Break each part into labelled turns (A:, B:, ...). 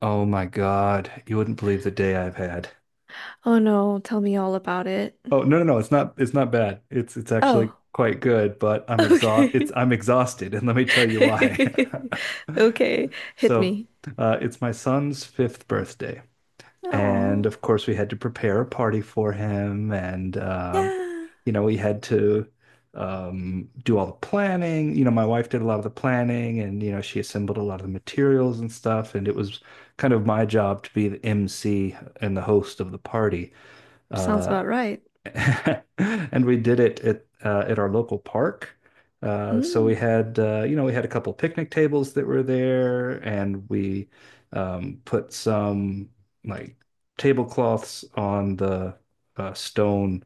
A: Oh my God. You wouldn't believe the day I've had.
B: Oh no, tell me all about it.
A: Oh, no, no, no. It's not bad. It's actually
B: Oh,
A: quite good, but
B: okay.
A: I'm exhausted, and let me tell you why.
B: Okay, hit
A: So,
B: me.
A: it's my son's fifth birthday. And
B: Oh,
A: of course, we had to prepare a party for him, and
B: yeah.
A: you know, we had to do all the planning. You know, my wife did a lot of the planning and, you know, she assembled a lot of the materials and stuff. And it was kind of my job to be the MC and the host of the party.
B: Sounds
A: Uh,
B: about right.
A: And we did it at our local park. So we
B: Mm,
A: had you know, we had a couple picnic tables that were there, and we put some like tablecloths on the stone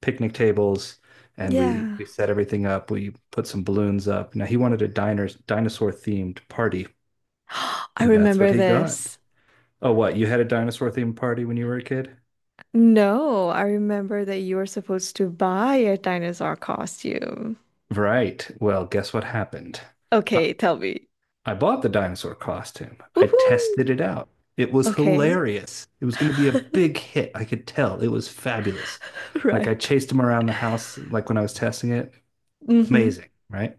A: picnic tables, and we
B: yeah.
A: set everything up. We put some balloons up. Now he wanted a diners dinosaur themed party,
B: I
A: and that's what
B: remember
A: he got.
B: this.
A: Oh, what? You had a dinosaur themed party when you were a kid?
B: No, I remember that you were supposed to buy a dinosaur costume.
A: Right. Well, guess what happened?
B: Okay, tell me.
A: I bought the dinosaur costume. I
B: Woohoo!
A: tested it out. It was
B: Okay.
A: hilarious. It was going to be a big hit. I could tell. It was fabulous. Like, I
B: Right.
A: chased him around the house, like when I was testing it.
B: Mm-hmm.
A: Amazing, right?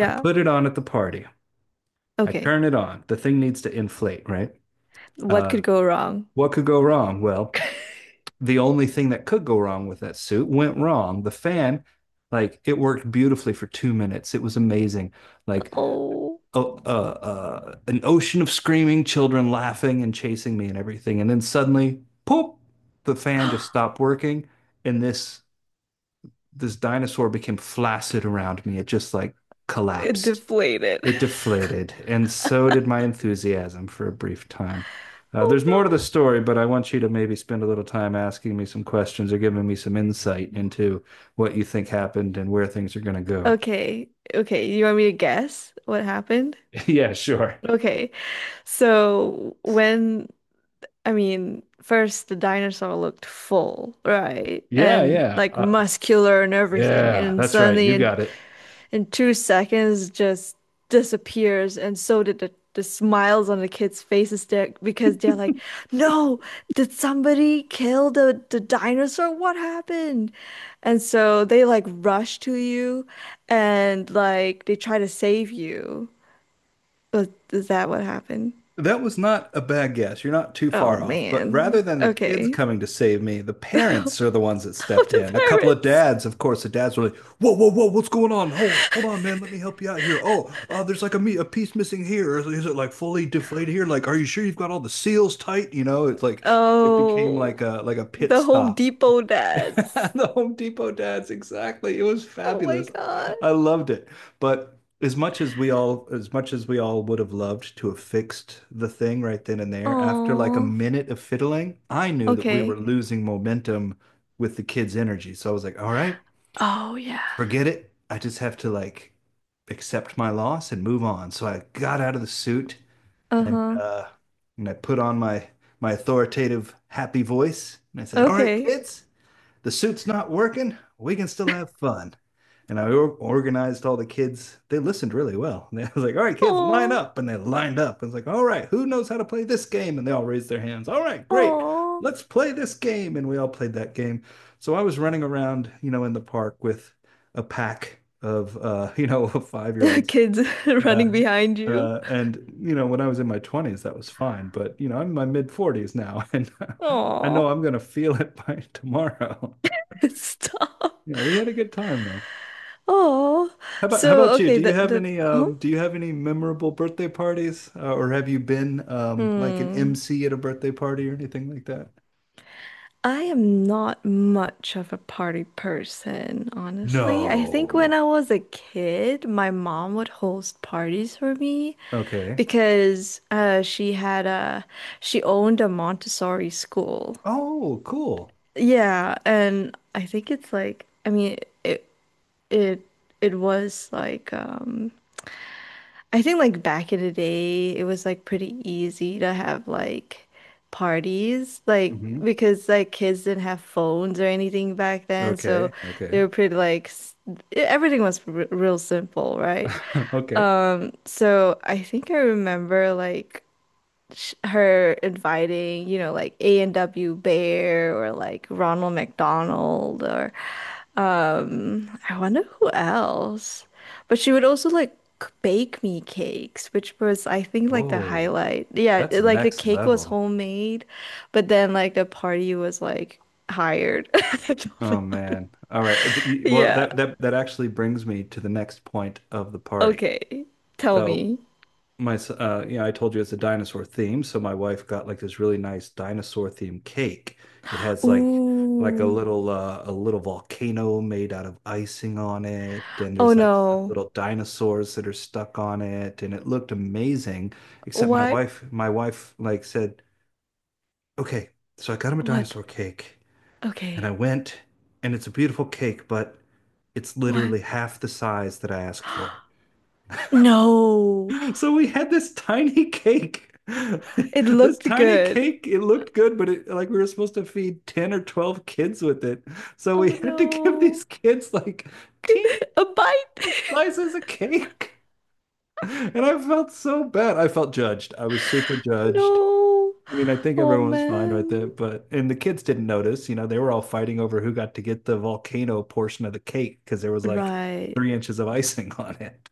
A: I put it on at the party. I
B: Okay.
A: turn it on. The thing needs to inflate, right?
B: What
A: Uh,
B: could go wrong?
A: what could go wrong? Well, the only thing that could go wrong with that suit went wrong. The fan, like, it worked beautifully for 2 minutes. It was amazing. Like,
B: Oh,
A: a an ocean of screaming children laughing and chasing me and everything. And then suddenly, poof, the fan just stopped working, and this dinosaur became flaccid around me. It just like
B: it
A: collapsed.
B: deflated.
A: It deflated, and so did my enthusiasm for a brief time. There's more to the
B: Oh
A: story, but I want you to maybe spend a little time asking me some questions or giving me some insight into what you think happened and where things are going to
B: no.
A: go.
B: Okay. Okay. You want me to guess what happened?
A: Yeah, sure.
B: Okay. So when, I mean, first the dinosaur looked full, right?
A: Yeah,
B: And
A: yeah.
B: like
A: Uh,
B: muscular and everything.
A: Yeah,
B: And
A: that's right.
B: suddenly
A: You
B: it
A: got it.
B: in 2 seconds just disappears and so did the smiles on the kids' faces there because they're like, no, did somebody kill the dinosaur? What happened? And so they like rush to you and like they try to save you. But is that what happened?
A: That was not a bad guess. You're not too
B: Oh
A: far off. But rather
B: man.
A: than the kids
B: Okay.
A: coming to save me, the parents are the ones that
B: Oh,
A: stepped
B: the
A: in. A couple of
B: parents.
A: dads, of course, the dads were like, "Whoa, whoa, whoa, what's going on? Hold on, man. Let me help you out here. Oh, there's like a a piece missing here. Is it like fully deflated here? Like, are you sure you've got all the seals tight? You know, it's like it became
B: Oh,
A: like a pit
B: the Home
A: stop."
B: Depot dads.
A: The Home Depot dads, exactly. It was
B: Oh my
A: fabulous.
B: God.
A: I loved it. But as much as we all would have loved to have fixed the thing right then and there, after like a
B: Oh.
A: minute of fiddling, I knew that we were
B: Okay.
A: losing momentum with the kids' energy. So I was like, all right,
B: Oh yeah.
A: forget it. I just have to like accept my loss and move on. So I got out of the suit and
B: Uh-huh.
A: uh and I put on my authoritative happy voice, and I said, "All right,
B: Okay.
A: kids, the suit's not working. We can still have fun." And I organized all the kids. They listened really well. And I was like, all right, kids, line
B: Oh.
A: up. And they lined up. I was like, all right, who knows how to play this game? And they all raised their hands. All right, great.
B: Oh.
A: Let's play this game. And we all played that game. So I was running around, you know, in the park with a pack of, you know, 5 year olds.
B: Kids
A: Yeah.
B: running behind you.
A: And you know, when I was in my 20s, that was fine, but you know, I'm in my mid 40s now, and I know
B: Oh.
A: I'm gonna feel it by tomorrow.
B: Stop.
A: Yeah, we had a good time though.
B: Oh.
A: How
B: So
A: about you?
B: okay,
A: Do you have
B: the
A: any
B: huh?
A: do you have any memorable birthday parties or have you been like an
B: Hmm.
A: MC at a birthday party or anything like that?
B: I am not much of a party person, honestly. I think when
A: No.
B: I was a kid, my mom would host parties for me
A: Okay.
B: because she had a she owned a Montessori school.
A: Oh, cool.
B: Yeah, and I think it's like I mean it it it was like I think like back in the day it was like pretty easy to have like parties like
A: Hmm.
B: because like kids didn't have phones or anything back then, so
A: Okay.
B: they
A: Okay.
B: were pretty like everything was r real simple, right?
A: Okay.
B: So I think I remember like her inviting, you know, like A&W Bear or like Ronald McDonald or I wonder who else. But she would also like bake me cakes, which was I think like the
A: Oh,
B: highlight. Yeah,
A: that's
B: like the
A: next
B: cake was
A: level.
B: homemade, but then like the party was like hired. I don't
A: Oh
B: know.
A: man. All right. Well,
B: Yeah.
A: that actually brings me to the next point of the party.
B: Okay. Tell
A: So
B: me.
A: my you know, I told you it's a dinosaur theme, so my wife got like this really nice dinosaur themed cake. It has like
B: Ooh.
A: a little volcano made out of icing on it, and
B: Oh
A: there's like
B: no.
A: little dinosaurs that are stuck on it, and it looked amazing, except
B: What?
A: my wife like said, okay, so I got him a
B: What?
A: dinosaur cake, and I
B: Okay.
A: went, and it's a beautiful cake, but it's
B: What?
A: literally half the size that I asked for.
B: No.
A: So we had this tiny cake.
B: It
A: This
B: looked
A: tiny
B: good.
A: cake, it looked good, but it like we were supposed to feed 10 or 12 kids with it. So we
B: Oh
A: had to give these
B: no.
A: kids like teeny
B: A bite.
A: little slices of cake. And I felt so bad. I felt judged. I was super judged.
B: No.
A: I mean, I think
B: Oh
A: everyone was fine with
B: man.
A: it, but and the kids didn't notice. You know, they were all fighting over who got to get the volcano portion of the cake because there was like
B: Right.
A: 3 inches of icing on it.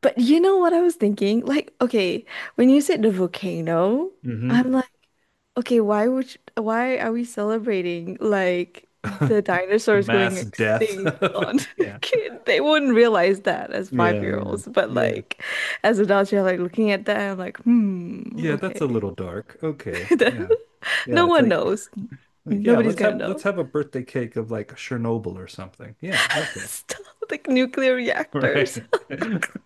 B: But you know what I was thinking? Like, okay, when you said the volcano,
A: Hmm.
B: I'm like, okay, why are we celebrating like the
A: The
B: dinosaurs going
A: mass death
B: extinct
A: of it.
B: on
A: Yeah.
B: kid? They wouldn't realize that as
A: Yeah, yeah,
B: five-year-olds, but
A: yeah,
B: like as adults, you're like looking at that and I'm like, hmm,
A: yeah. That's a
B: okay.
A: little dark. Okay, yeah.
B: No
A: It's
B: one
A: like,
B: knows.
A: yeah,
B: Nobody's gonna
A: let's
B: know.
A: have a birthday cake of like Chernobyl or something. Yeah, okay,
B: Stop, like nuclear reactors.
A: right.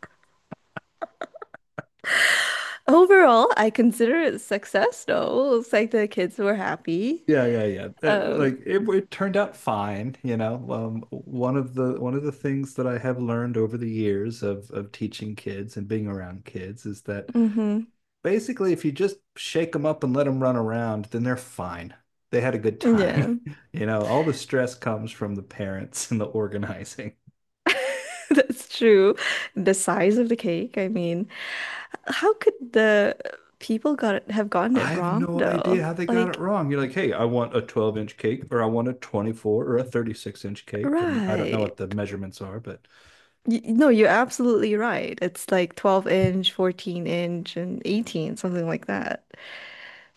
B: Overall, I consider it a success though. Looks like the kids were happy.
A: Yeah.
B: Um,
A: Like it turned out fine. You know, one of the things that I have learned over the years of teaching kids and being around kids is that
B: mhm.
A: basically, if you just shake them up and let them run around, then they're fine. They had a good time.
B: Yeah.
A: You know, all the stress comes from the parents and the organizing.
B: That's true. The size of the cake, I mean, how could the people got it, have gotten it
A: I have
B: wrong
A: no
B: though?
A: idea how they got it
B: Like,
A: wrong. You're like, hey, I want a 12-inch cake, or I want a 24 or a 36-inch cake. I mean, I don't know
B: right.
A: what the measurements are, but
B: Y no, you're absolutely right. It's like 12 inch, 14 inch, and 18, something like that.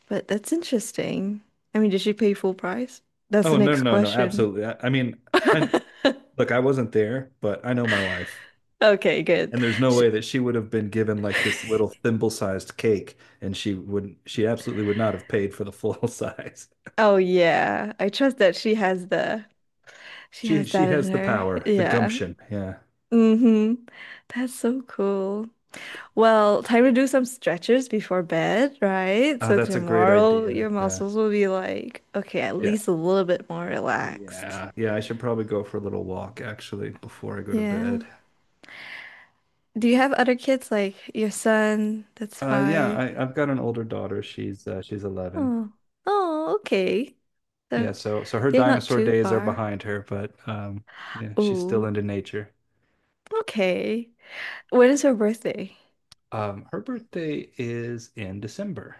B: But that's interesting. I mean, did she pay full price? That's the
A: oh, no,
B: next
A: no, no,
B: question.
A: absolutely. I mean, I look, I wasn't there, but I know my wife,
B: Okay, good.
A: and there's no
B: Sh
A: way that she would have been given like this little thimble sized cake, and she wouldn't, she absolutely would not have paid for the full size.
B: oh yeah, I trust that she
A: She,
B: has
A: she
B: that in
A: has the
B: her.
A: power, the
B: Yeah.
A: gumption. Yeah.
B: Mm-hmm. That's so cool. Well, time to do some stretches before bed, right?
A: Oh,
B: So
A: that's a great
B: tomorrow
A: idea.
B: your
A: Yeah.
B: muscles will be like, okay, at
A: Yeah.
B: least a little bit more relaxed.
A: Yeah, yeah, I should probably go for a little walk actually before I go to
B: Yeah.
A: bed.
B: Do you have other kids like your son that's
A: Yeah,
B: five?
A: I've got an older daughter. She's 11.
B: Oh, oh, okay.
A: Yeah,
B: So
A: so her
B: they're not
A: dinosaur
B: too
A: days are
B: far.
A: behind her, but yeah, she's still
B: Oh,
A: into nature.
B: okay. When is her birthday?
A: Her birthday is in December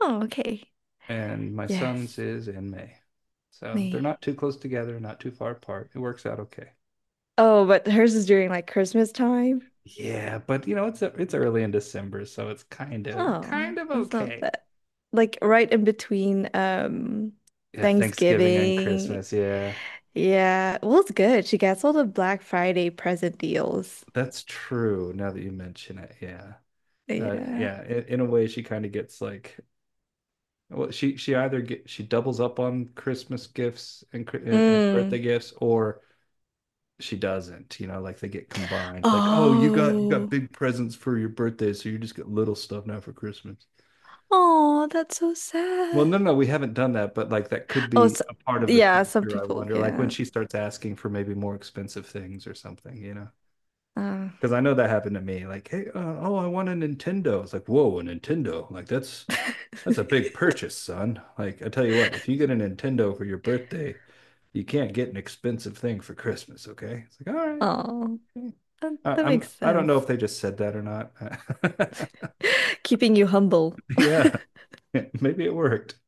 B: Oh, okay.
A: and my son's
B: Yes,
A: is in May. So they're
B: May.
A: not too close together, not too far apart. It works out okay.
B: Oh, but hers is during like Christmas time.
A: Yeah, but you know, it's early in December, so it's
B: Oh,
A: kind of
B: that's not
A: okay.
B: bad. Like right in between
A: Yeah, Thanksgiving and
B: Thanksgiving.
A: Christmas. Yeah.
B: Yeah. Well, it's good. She gets all the Black Friday present deals.
A: That's true now that you mention it. Yeah.
B: Yeah.
A: In a way she kind of gets like she either get she doubles up on Christmas gifts and birthday
B: Mm.
A: gifts, or she doesn't, you know, like they get combined. Like, oh, you got
B: Oh.
A: big presents for your birthday, so you just get little stuff now for Christmas.
B: Oh, that's so
A: Well,
B: sad.
A: no, no, we haven't done that, but like that could
B: Oh,
A: be
B: so,
A: a part of the
B: yeah, some
A: future, I
B: people,
A: wonder. Like when
B: yeah.
A: she starts asking for maybe more expensive things or something, you know.
B: Uh,
A: Because I know that happened to me. Like, hey, oh, I want a Nintendo. It's like, whoa, a Nintendo. Like, that's a big purchase, son. Like, I tell you what, if you get a Nintendo for your birthday, you can't get an expensive thing for Christmas, okay? It's like, all right.
B: oh,
A: Okay.
B: that makes
A: I don't know
B: sense.
A: if they just said that or not.
B: Keeping you humble.
A: Yeah, maybe it worked.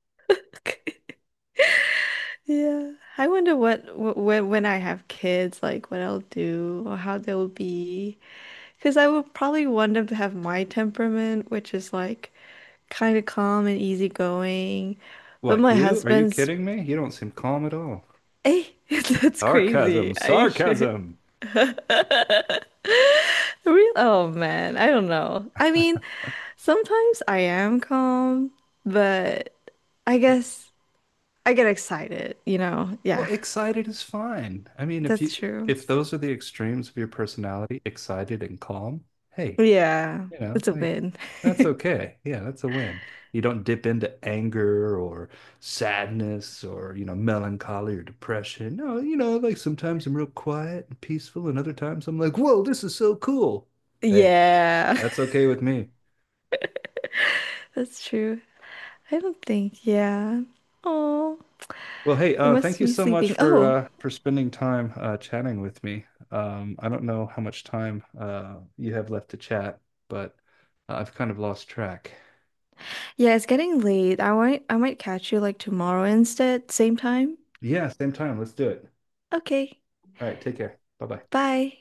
B: Yeah. I wonder what wh- when I have kids, like what I'll do or how they'll be. Because I would probably want them to have my temperament, which is like kind of calm and easygoing. But
A: What,
B: my
A: you? Are you
B: husband's,
A: kidding me? You don't seem calm at all.
B: hey, that's
A: Sarcasm,
B: crazy. Are you sure?
A: sarcasm.
B: Real? Oh man, I don't know. I mean, sometimes I am calm, but I guess I get excited, you know?
A: Well,
B: Yeah,
A: excited is fine. I mean,
B: that's true.
A: if those are the extremes of your personality, excited and calm, hey,
B: Yeah,
A: you know,
B: it's a
A: like
B: win.
A: that's okay. Yeah, that's a win. You don't dip into anger or sadness or, you know, melancholy or depression. No, you know, like sometimes I'm real quiet and peaceful, and other times I'm like, whoa, this is so cool. Hey,
B: Yeah,
A: that's okay with me.
B: that's true. I don't think, yeah. Oh,
A: Well, hey,
B: you
A: thank
B: must
A: you
B: be
A: so much
B: sleeping. Oh,
A: for spending time chatting with me. I don't know how much time you have left to chat, but I've kind of lost track.
B: yeah, it's getting late. I might catch you like tomorrow instead, same time.
A: Yeah, same time. Let's do it.
B: Okay,
A: All right, take care. Bye bye.
B: bye.